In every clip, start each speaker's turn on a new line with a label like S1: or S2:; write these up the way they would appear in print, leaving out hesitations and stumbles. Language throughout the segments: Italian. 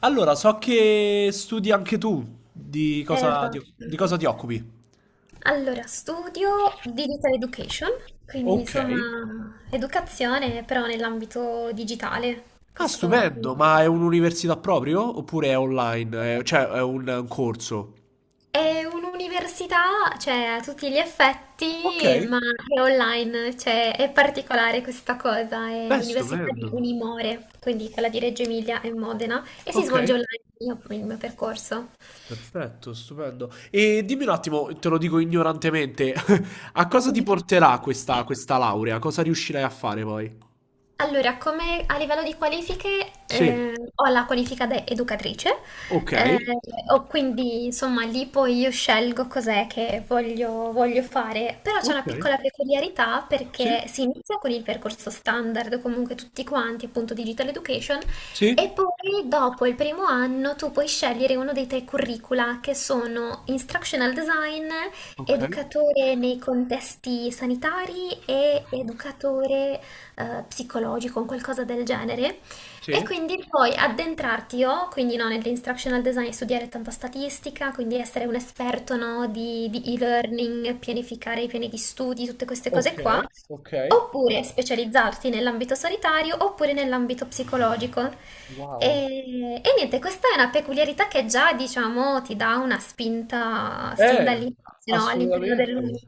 S1: Allora, so che studi anche tu. Di cosa
S2: Va.
S1: ti, di cosa ti occupi?
S2: Allora, studio Digital Education, quindi
S1: Ok.
S2: insomma educazione però nell'ambito digitale.
S1: Ah,
S2: Questo è...
S1: stupendo, ma è un'università proprio? Oppure è online? È un corso?
S2: È un'università, cioè a tutti gli
S1: Ok.
S2: effetti, ma è online, cioè è particolare questa cosa, è
S1: Beh,
S2: l'università di
S1: stupendo.
S2: Unimore, quindi quella di Reggio Emilia e Modena, e si
S1: Ok.
S2: svolge online il mio percorso.
S1: Perfetto, stupendo. E dimmi un attimo, te lo dico ignorantemente, a cosa ti porterà questa, questa laurea? Cosa riuscirai a fare poi?
S2: Allora, come a livello di qualifiche,
S1: Sì.
S2: ho la qualifica da educatrice,
S1: Ok.
S2: eh, ho quindi insomma lì poi io scelgo cos'è che voglio, voglio fare, però c'è una
S1: Ok.
S2: piccola peculiarità
S1: Sì.
S2: perché si inizia con il percorso standard, comunque tutti quanti, appunto Digital Education, e
S1: Sì.
S2: poi dopo il 1º anno tu puoi scegliere uno dei tre curricula che sono Instructional Design,
S1: Ok.
S2: educatore nei contesti sanitari e educatore psicologico, un qualcosa del genere. E
S1: Sì.
S2: quindi poi addentrarti io, quindi no, nell'instructional design, studiare tanta statistica, quindi essere un esperto no, di e-learning, pianificare i piani di studi, tutte queste
S1: Ok.
S2: cose qua,
S1: Ok.
S2: oppure specializzarti nell'ambito sanitario oppure nell'ambito psicologico. E,
S1: Wow.
S2: e niente, questa è una peculiarità che già, diciamo, ti dà una spinta sin
S1: Eh,
S2: dall'inizio, no, all'interno
S1: assolutamente.
S2: dell'Uni.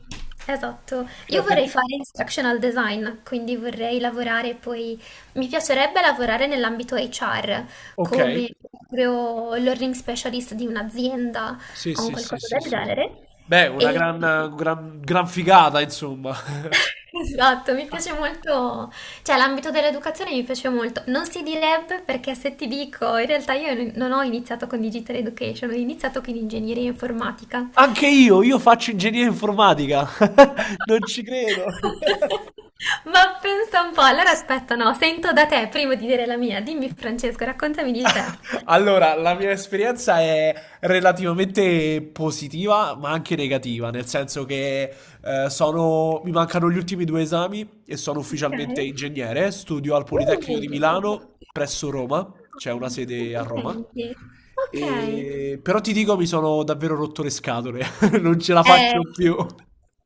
S2: Esatto. Io
S1: Certo, e
S2: vorrei
S1: tu?
S2: fare instructional design, quindi vorrei lavorare poi, mi piacerebbe lavorare nell'ambito HR
S1: Ok.
S2: come proprio learning specialist di un'azienda
S1: Sì,
S2: o un
S1: sì, sì,
S2: qualcosa
S1: sì,
S2: del
S1: sì.
S2: genere.
S1: Beh, una
S2: E...
S1: gran, gran, gran figata, insomma.
S2: Esatto, mi piace molto, cioè l'ambito dell'educazione mi piace molto. Non si direbbe perché se ti dico, in realtà io non ho iniziato con Digital Education, ho iniziato con ingegneria informatica.
S1: Anche io faccio ingegneria informatica. Non ci credo.
S2: Ma pensa un po', allora aspetta, no, sento da te prima di dire la mia. Dimmi, Francesco, raccontami di te.
S1: Allora, la mia esperienza è relativamente positiva, ma anche negativa, nel senso che mi mancano gli ultimi due esami e sono ufficialmente ingegnere. Studio al Politecnico di
S2: Ok.
S1: Milano presso Roma, c'è una sede a Roma.
S2: Complimenti. Ok.
S1: Però ti dico, mi sono davvero rotto le scatole, non ce la
S2: Eh,
S1: faccio più.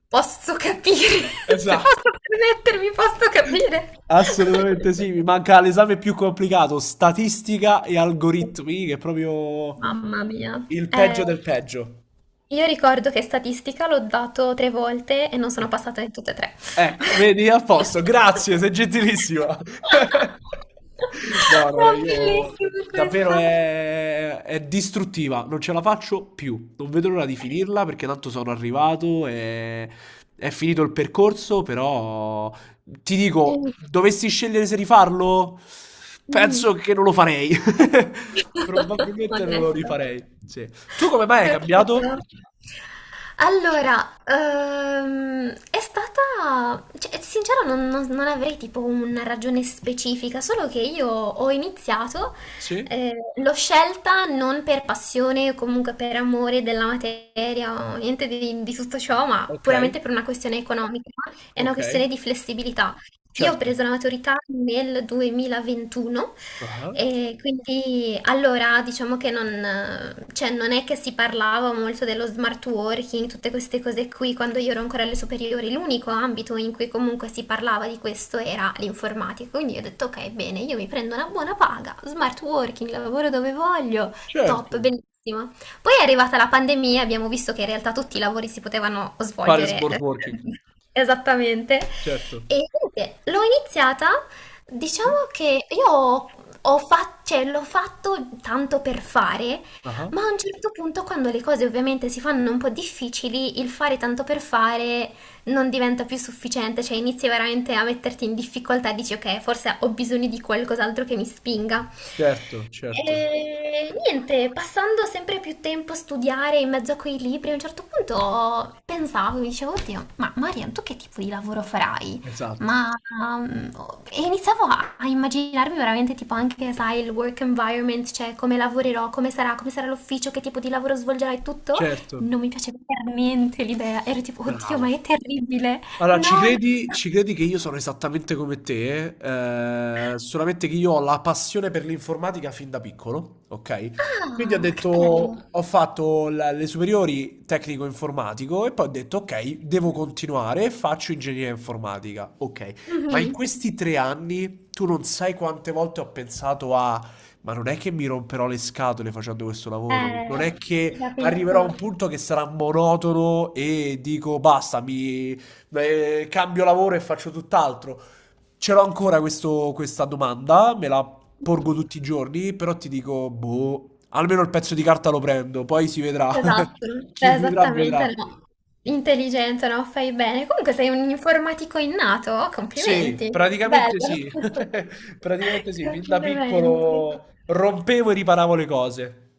S2: Posso capire, se posso
S1: Esatto.
S2: permettermi, posso capire.
S1: Assolutamente sì, mi manca l'esame più complicato, statistica e algoritmi, che è proprio
S2: Mamma mia.
S1: il peggio
S2: Eh,
S1: del peggio.
S2: io ricordo che statistica l'ho dato 3 volte e non sono passata in tutte e tre.
S1: Ecco, vedi, a posto, grazie, sei gentilissima. No, no, no,
S2: È
S1: io
S2: bellissima
S1: davvero
S2: questa.
S1: è distruttiva, non ce la faccio più. Non vedo l'ora di finirla perché tanto sono arrivato e è finito il percorso, però ti
S2: Eh,
S1: dico,
S2: mm,
S1: dovessi scegliere se rifarlo, penso
S2: mhm.
S1: che non lo farei. Probabilmente non lo
S2: Onesto.
S1: rifarei. Sì. Tu come mai hai
S2: Capito.
S1: cambiato?
S2: Allora, è stata, cioè, sincero, non avrei tipo una ragione specifica, solo che io ho iniziato,
S1: Sì.
S2: l'ho scelta non per passione o comunque per amore della materia o niente di tutto ciò, ma
S1: Ok,
S2: puramente per una questione economica, è una
S1: ok,
S2: questione di flessibilità. Io ho
S1: certo.
S2: preso la maturità nel 2021
S1: Ah.
S2: e quindi allora diciamo che non, cioè, non è che si parlava molto dello smart working, tutte queste cose qui, quando io ero ancora alle superiori, l'unico ambito in cui comunque si parlava di questo era l'informatica. Quindi io ho detto ok, bene, io mi prendo una buona paga, smart working, lavoro dove voglio,
S1: Certo,
S2: top, bellissimo. Poi è arrivata la pandemia, abbiamo visto che in realtà tutti i lavori si potevano
S1: fare
S2: svolgere
S1: smart working,
S2: esattamente.
S1: certo.
S2: E niente, l'ho iniziata.
S1: Sì.
S2: Diciamo che cioè, l'ho fatto tanto per fare,
S1: Ah-ah.
S2: ma a un certo punto, quando le cose ovviamente si fanno un po' difficili, il fare tanto per fare non diventa più sufficiente, cioè inizi veramente a metterti in difficoltà, dici ok, forse ho bisogno di qualcos'altro che mi spinga.
S1: Certo, certo.
S2: E niente, passando sempre più tempo a studiare in mezzo a quei libri, a un certo punto pensavo, mi dicevo, oddio, ma Marian, tu che tipo di lavoro farai?
S1: Esatto.
S2: Ma mm, e iniziavo a immaginarmi veramente tipo anche, sai, il work environment, cioè come lavorerò, come sarà l'ufficio, che tipo di lavoro svolgerai, tutto. Non
S1: Certo.
S2: mi piaceva per niente l'idea. Ero tipo, oddio,
S1: Bravo.
S2: ma è terribile.
S1: Allora, ci
S2: No, no.
S1: credi ci credi che io sono esattamente come te, solamente che io ho la passione per l'informatica fin da piccolo, okay, quindi ho
S2: Ah, che
S1: detto
S2: bello.
S1: ho fatto la le superiori tecnico informatico e poi ho detto: "Okay, devo continuare e faccio ingegneria informatica." Okay, ma in
S2: Mhm.
S1: questi 3 anni tu non sai quante volte ho pensato a: "Ma non è che mi romperò le scatole facendo questo lavoro? Non è
S2: Eh, ti
S1: che arriverò a un
S2: capisco.
S1: punto che sarà monotono e dico: 'Basta, mi cambio lavoro e faccio tutt'altro. Ce l'ho ancora questa domanda, me la porgo tutti i giorni, però ti dico, boh, almeno il pezzo di carta lo prendo, poi si vedrà.
S2: Esatto,
S1: Chi vivrà
S2: esattamente
S1: vedrà.
S2: no. Intelligente, no? Fai bene. Comunque sei un informatico innato,
S1: Sì,
S2: complimenti.
S1: praticamente
S2: Bello.
S1: sì. Praticamente sì, fin da
S2: Complimenti.
S1: piccolo rompevo e riparavo le cose.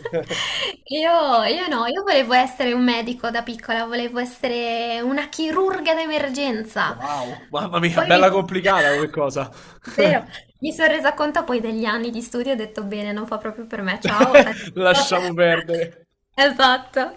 S2: Io no, io volevo essere un medico da piccola, volevo essere una chirurga d'emergenza.
S1: Wow, mamma mia,
S2: Poi mi...
S1: bella complicata come cosa.
S2: Vero, mi sono resa conto poi degli anni di studio e ho detto bene, non fa proprio per me, ciao, addio.
S1: Lasciamo perdere.
S2: Esatto.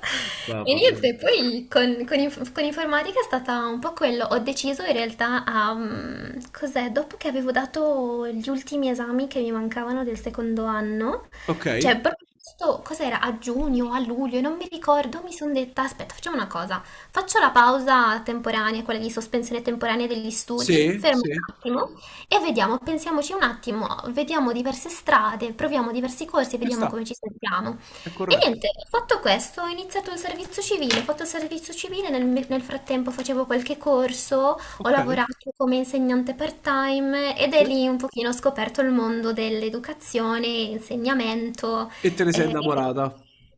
S2: E
S1: Mamma mia.
S2: niente, poi con informatica è stata un po' quello. Ho deciso in realtà a... cos'è? Dopo che avevo dato gli ultimi esami che mi mancavano del 2º anno,
S1: Ok.
S2: cioè, proprio questo, cos'era? A giugno, o a luglio, non mi ricordo, mi sono detta, aspetta, facciamo una cosa, faccio la pausa temporanea, quella di sospensione temporanea degli studi,
S1: Sì,
S2: fermo
S1: sì,
S2: un attimo e vediamo, pensiamoci un attimo, vediamo diverse strade, proviamo diversi corsi,
S1: ci
S2: vediamo
S1: sta.
S2: come ci sentiamo.
S1: È
S2: E
S1: corretto.
S2: niente, ho fatto questo, ho iniziato il servizio civile, ho fatto il servizio civile, nel frattempo facevo qualche corso, ho
S1: Okay,
S2: lavorato come insegnante part-time ed è
S1: sì.
S2: lì un pochino ho scoperto il mondo dell'educazione, insegnamento,
S1: E te ne sei
S2: eh,
S1: innamorata.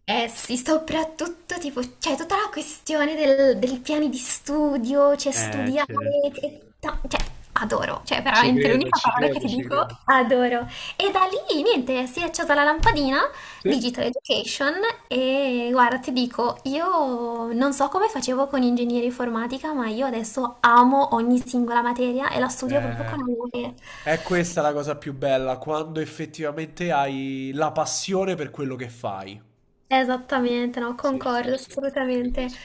S2: eh sì, soprattutto tipo, cioè tutta la questione del piani di studio, cioè studiare,
S1: Cer
S2: cioè adoro, cioè
S1: Ci
S2: veramente
S1: credo,
S2: l'unica
S1: ci
S2: parola che
S1: credo,
S2: ti
S1: ci
S2: dico,
S1: credo.
S2: adoro. E da lì niente, si è accesa la lampadina
S1: Sì.
S2: Digital Education e guarda, ti dico, io non so come facevo con ingegneria informatica, ma io adesso amo ogni singola materia e la studio proprio
S1: Eh,
S2: con amore.
S1: è questa la cosa più bella, quando effettivamente hai la passione per quello che fai.
S2: Esattamente, no,
S1: Sì, sì,
S2: concordo
S1: sì, ti
S2: assolutamente.
S1: capisco.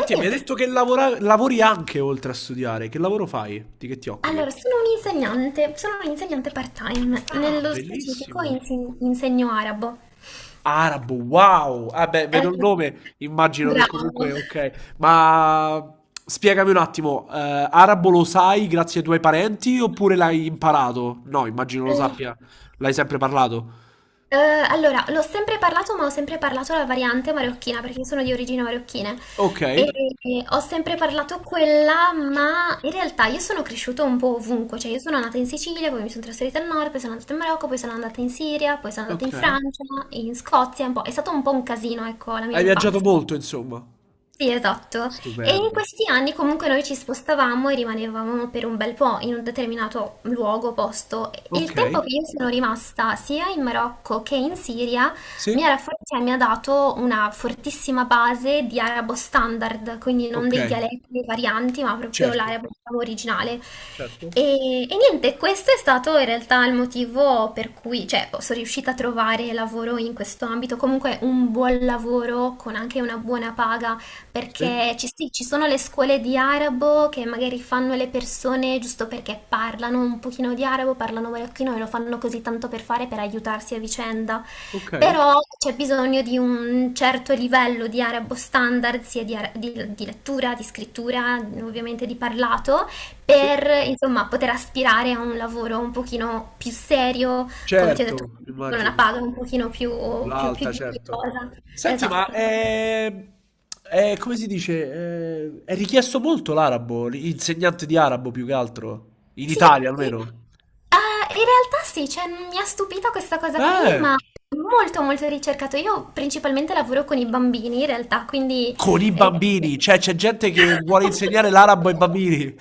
S2: E
S1: e mi hai
S2: niente,
S1: detto che lavora lavori anche oltre a studiare. Che lavoro fai? Di che ti occupi?
S2: allora, sono un'insegnante part-time,
S1: Ah,
S2: nello specifico
S1: bellissimo.
S2: insegno arabo.
S1: Arabo, wow! Ah beh,
S2: Eh,
S1: vedo il nome, immagino che comunque
S2: bravo.
S1: okay. Ma spiegami un attimo, arabo lo sai grazie ai tuoi parenti oppure l'hai imparato? No, immagino lo sappia. L'hai sempre parlato?
S2: Allora, l'ho sempre parlato, ma ho sempre parlato la variante marocchina perché io sono di origini marocchine e
S1: Okay,
S2: e ho sempre parlato quella, ma in realtà io sono cresciuta un po' ovunque, cioè io sono nata in Sicilia, poi mi sono trasferita al nord, poi sono andata in Marocco, poi sono andata in Siria, poi sono andata in
S1: okay.
S2: Francia, in Scozia, un po'. È stato un po' un casino, ecco, la mia
S1: Hai viaggiato
S2: infanzia.
S1: molto insomma.
S2: Sì, esatto. E in
S1: Stupendo.
S2: questi anni comunque noi ci spostavamo e rimanevamo per un bel po' in un determinato luogo, posto. Il tempo
S1: Okay.
S2: che io sono rimasta sia in Marocco che in Siria
S1: Sì?
S2: cioè, mi ha dato una fortissima base di arabo standard, quindi non dei
S1: Okay.
S2: dialetti, dei varianti, ma proprio
S1: Certo,
S2: l'arabo diciamo, originale.
S1: certo.
S2: E niente, questo è stato in realtà il motivo per cui, cioè, sono riuscita a trovare lavoro in questo ambito, comunque un buon lavoro con anche una buona paga.
S1: Sì.
S2: Perché ci, sì, ci sono le scuole di arabo che magari fanno le persone giusto perché parlano un pochino di arabo, parlano marocchino e lo fanno così tanto per fare, per aiutarsi a vicenda.
S1: Okay.
S2: Però c'è bisogno di un certo livello di arabo standard, sia di, di lettura, di scrittura, ovviamente di parlato,
S1: Sì.
S2: per insomma poter aspirare a un lavoro un pochino più serio, come ti ho detto,
S1: Certo,
S2: con una
S1: immagino.
S2: paga un pochino più
S1: L'alta, certo.
S2: dignitosa.
S1: Senti, ma
S2: Esatto.
S1: è- come si dice? È richiesto molto l'arabo, l'insegnante di arabo più che altro, in
S2: Sì,
S1: Italia
S2: sì.
S1: almeno.
S2: Ah, in realtà sì, cioè, mi ha stupito questa cosa qui,
S1: Eh,
S2: ma è molto molto ricercato. Io principalmente lavoro con i bambini in realtà, quindi...
S1: con i
S2: eh,
S1: bambini, cioè c'è gente che vuole insegnare l'arabo ai bambini.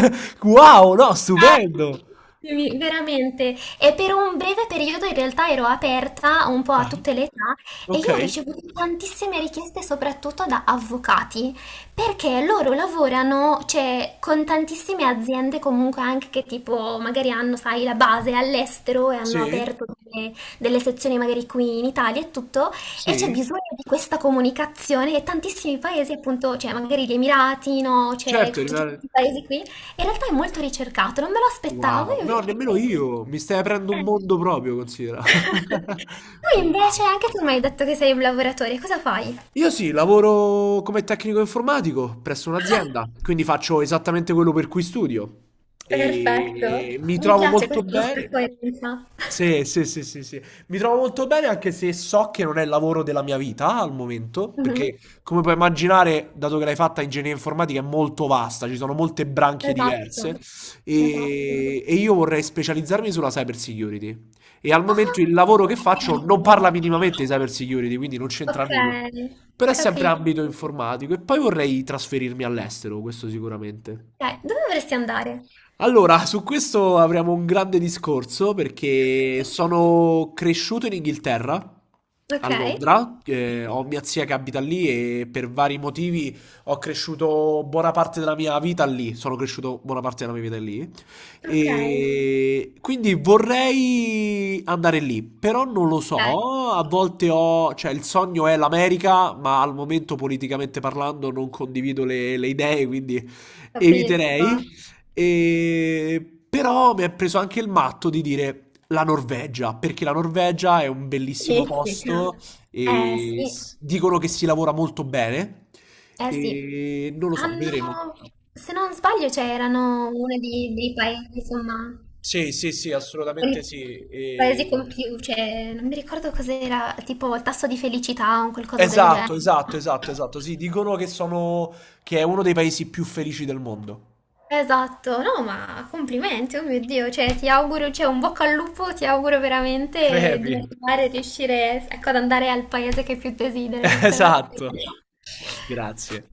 S1: Wow, no,
S2: Ah,
S1: stupendo.
S2: sì, veramente, e per un breve periodo in realtà ero aperta un po' a
S1: Ah,
S2: tutte le età e io ho
S1: ok,
S2: ricevuto tantissime richieste soprattutto da avvocati perché loro lavorano, cioè, con tantissime aziende comunque anche che tipo magari hanno, sai, la base all'estero e hanno
S1: sì,
S2: aperto delle, delle sezioni magari qui in Italia e tutto e c'è
S1: sì,
S2: bisogno di questa comunicazione e tantissimi paesi appunto, cioè magari gli Emirati, no, cioè
S1: certo,
S2: tutti
S1: rimane...
S2: questi paesi qui in realtà è molto ricercato, non me lo aspettavo,
S1: Wow,
S2: io
S1: no, nemmeno
S2: perché...
S1: io, mi stai aprendo un
S2: Eh.
S1: mondo proprio, considera.
S2: Tu
S1: Wow.
S2: invece, anche tu mi hai detto che sei un lavoratore, cosa fai?
S1: Io sì, lavoro come tecnico informatico presso un'azienda, quindi faccio esattamente quello per cui studio
S2: Perfetto,
S1: e mi
S2: mi
S1: trovo
S2: piace
S1: molto
S2: questa nostra
S1: bene.
S2: coerenza.
S1: Sì, sì, sì, sì, sì. Mi trovo molto bene anche se so che non è il lavoro della mia vita al momento,
S2: Mhm.
S1: perché come puoi immaginare, dato che l'hai fatta ingegneria informatica è molto vasta, ci sono molte branche
S2: Esatto,
S1: diverse
S2: esatto.
S1: e io vorrei specializzarmi sulla cyber security. E al
S2: Ah,
S1: momento il lavoro che faccio non
S2: ok.
S1: parla minimamente di cyber security, quindi non c'entra
S2: Ok,
S1: nulla. Però è sempre
S2: capito.
S1: ambito informatico. E poi vorrei trasferirmi all'estero, questo sicuramente.
S2: Ok, dove vorresti andare?
S1: Allora, su questo avremo un grande discorso perché sono cresciuto in Inghilterra, a
S2: Ok,
S1: Londra, ho mia zia che abita lì e per vari motivi ho cresciuto buona parte della mia vita lì, sono cresciuto buona parte della mia vita lì
S2: ok,
S1: e quindi vorrei andare lì, però non lo
S2: ok,
S1: so, a volte ho, cioè il sogno è l'America, ma al momento politicamente parlando non condivido le idee, quindi
S2: capisco.
S1: eviterei. E... Però mi è preso anche il matto di dire la Norvegia, perché la Norvegia è un bellissimo
S2: Sì, sì.
S1: posto
S2: Eh
S1: e
S2: sì,
S1: dicono che si lavora molto bene.
S2: eh sì,
S1: E non lo so, vedremo.
S2: hanno, se non sbaglio, c'erano dei paesi, insomma,
S1: Sì, sì, sì, assolutamente
S2: quelli
S1: sì.
S2: paesi
S1: E-
S2: con più, cioè, non mi ricordo cos'era, tipo il tasso di felicità o qualcosa del
S1: Esatto,
S2: genere.
S1: esatto, esatto, esatto. Sì, dicono che sono che è uno dei paesi più felici del mondo.
S2: Esatto, no, ma complimenti, oh mio Dio, cioè, ti auguro, cioè, un bocca al lupo, ti auguro veramente di
S1: Crepi.
S2: arrivare, riuscire, ecco, ad andare al paese che più desideri, lo spero
S1: Esatto.
S2: davvero.
S1: Grazie.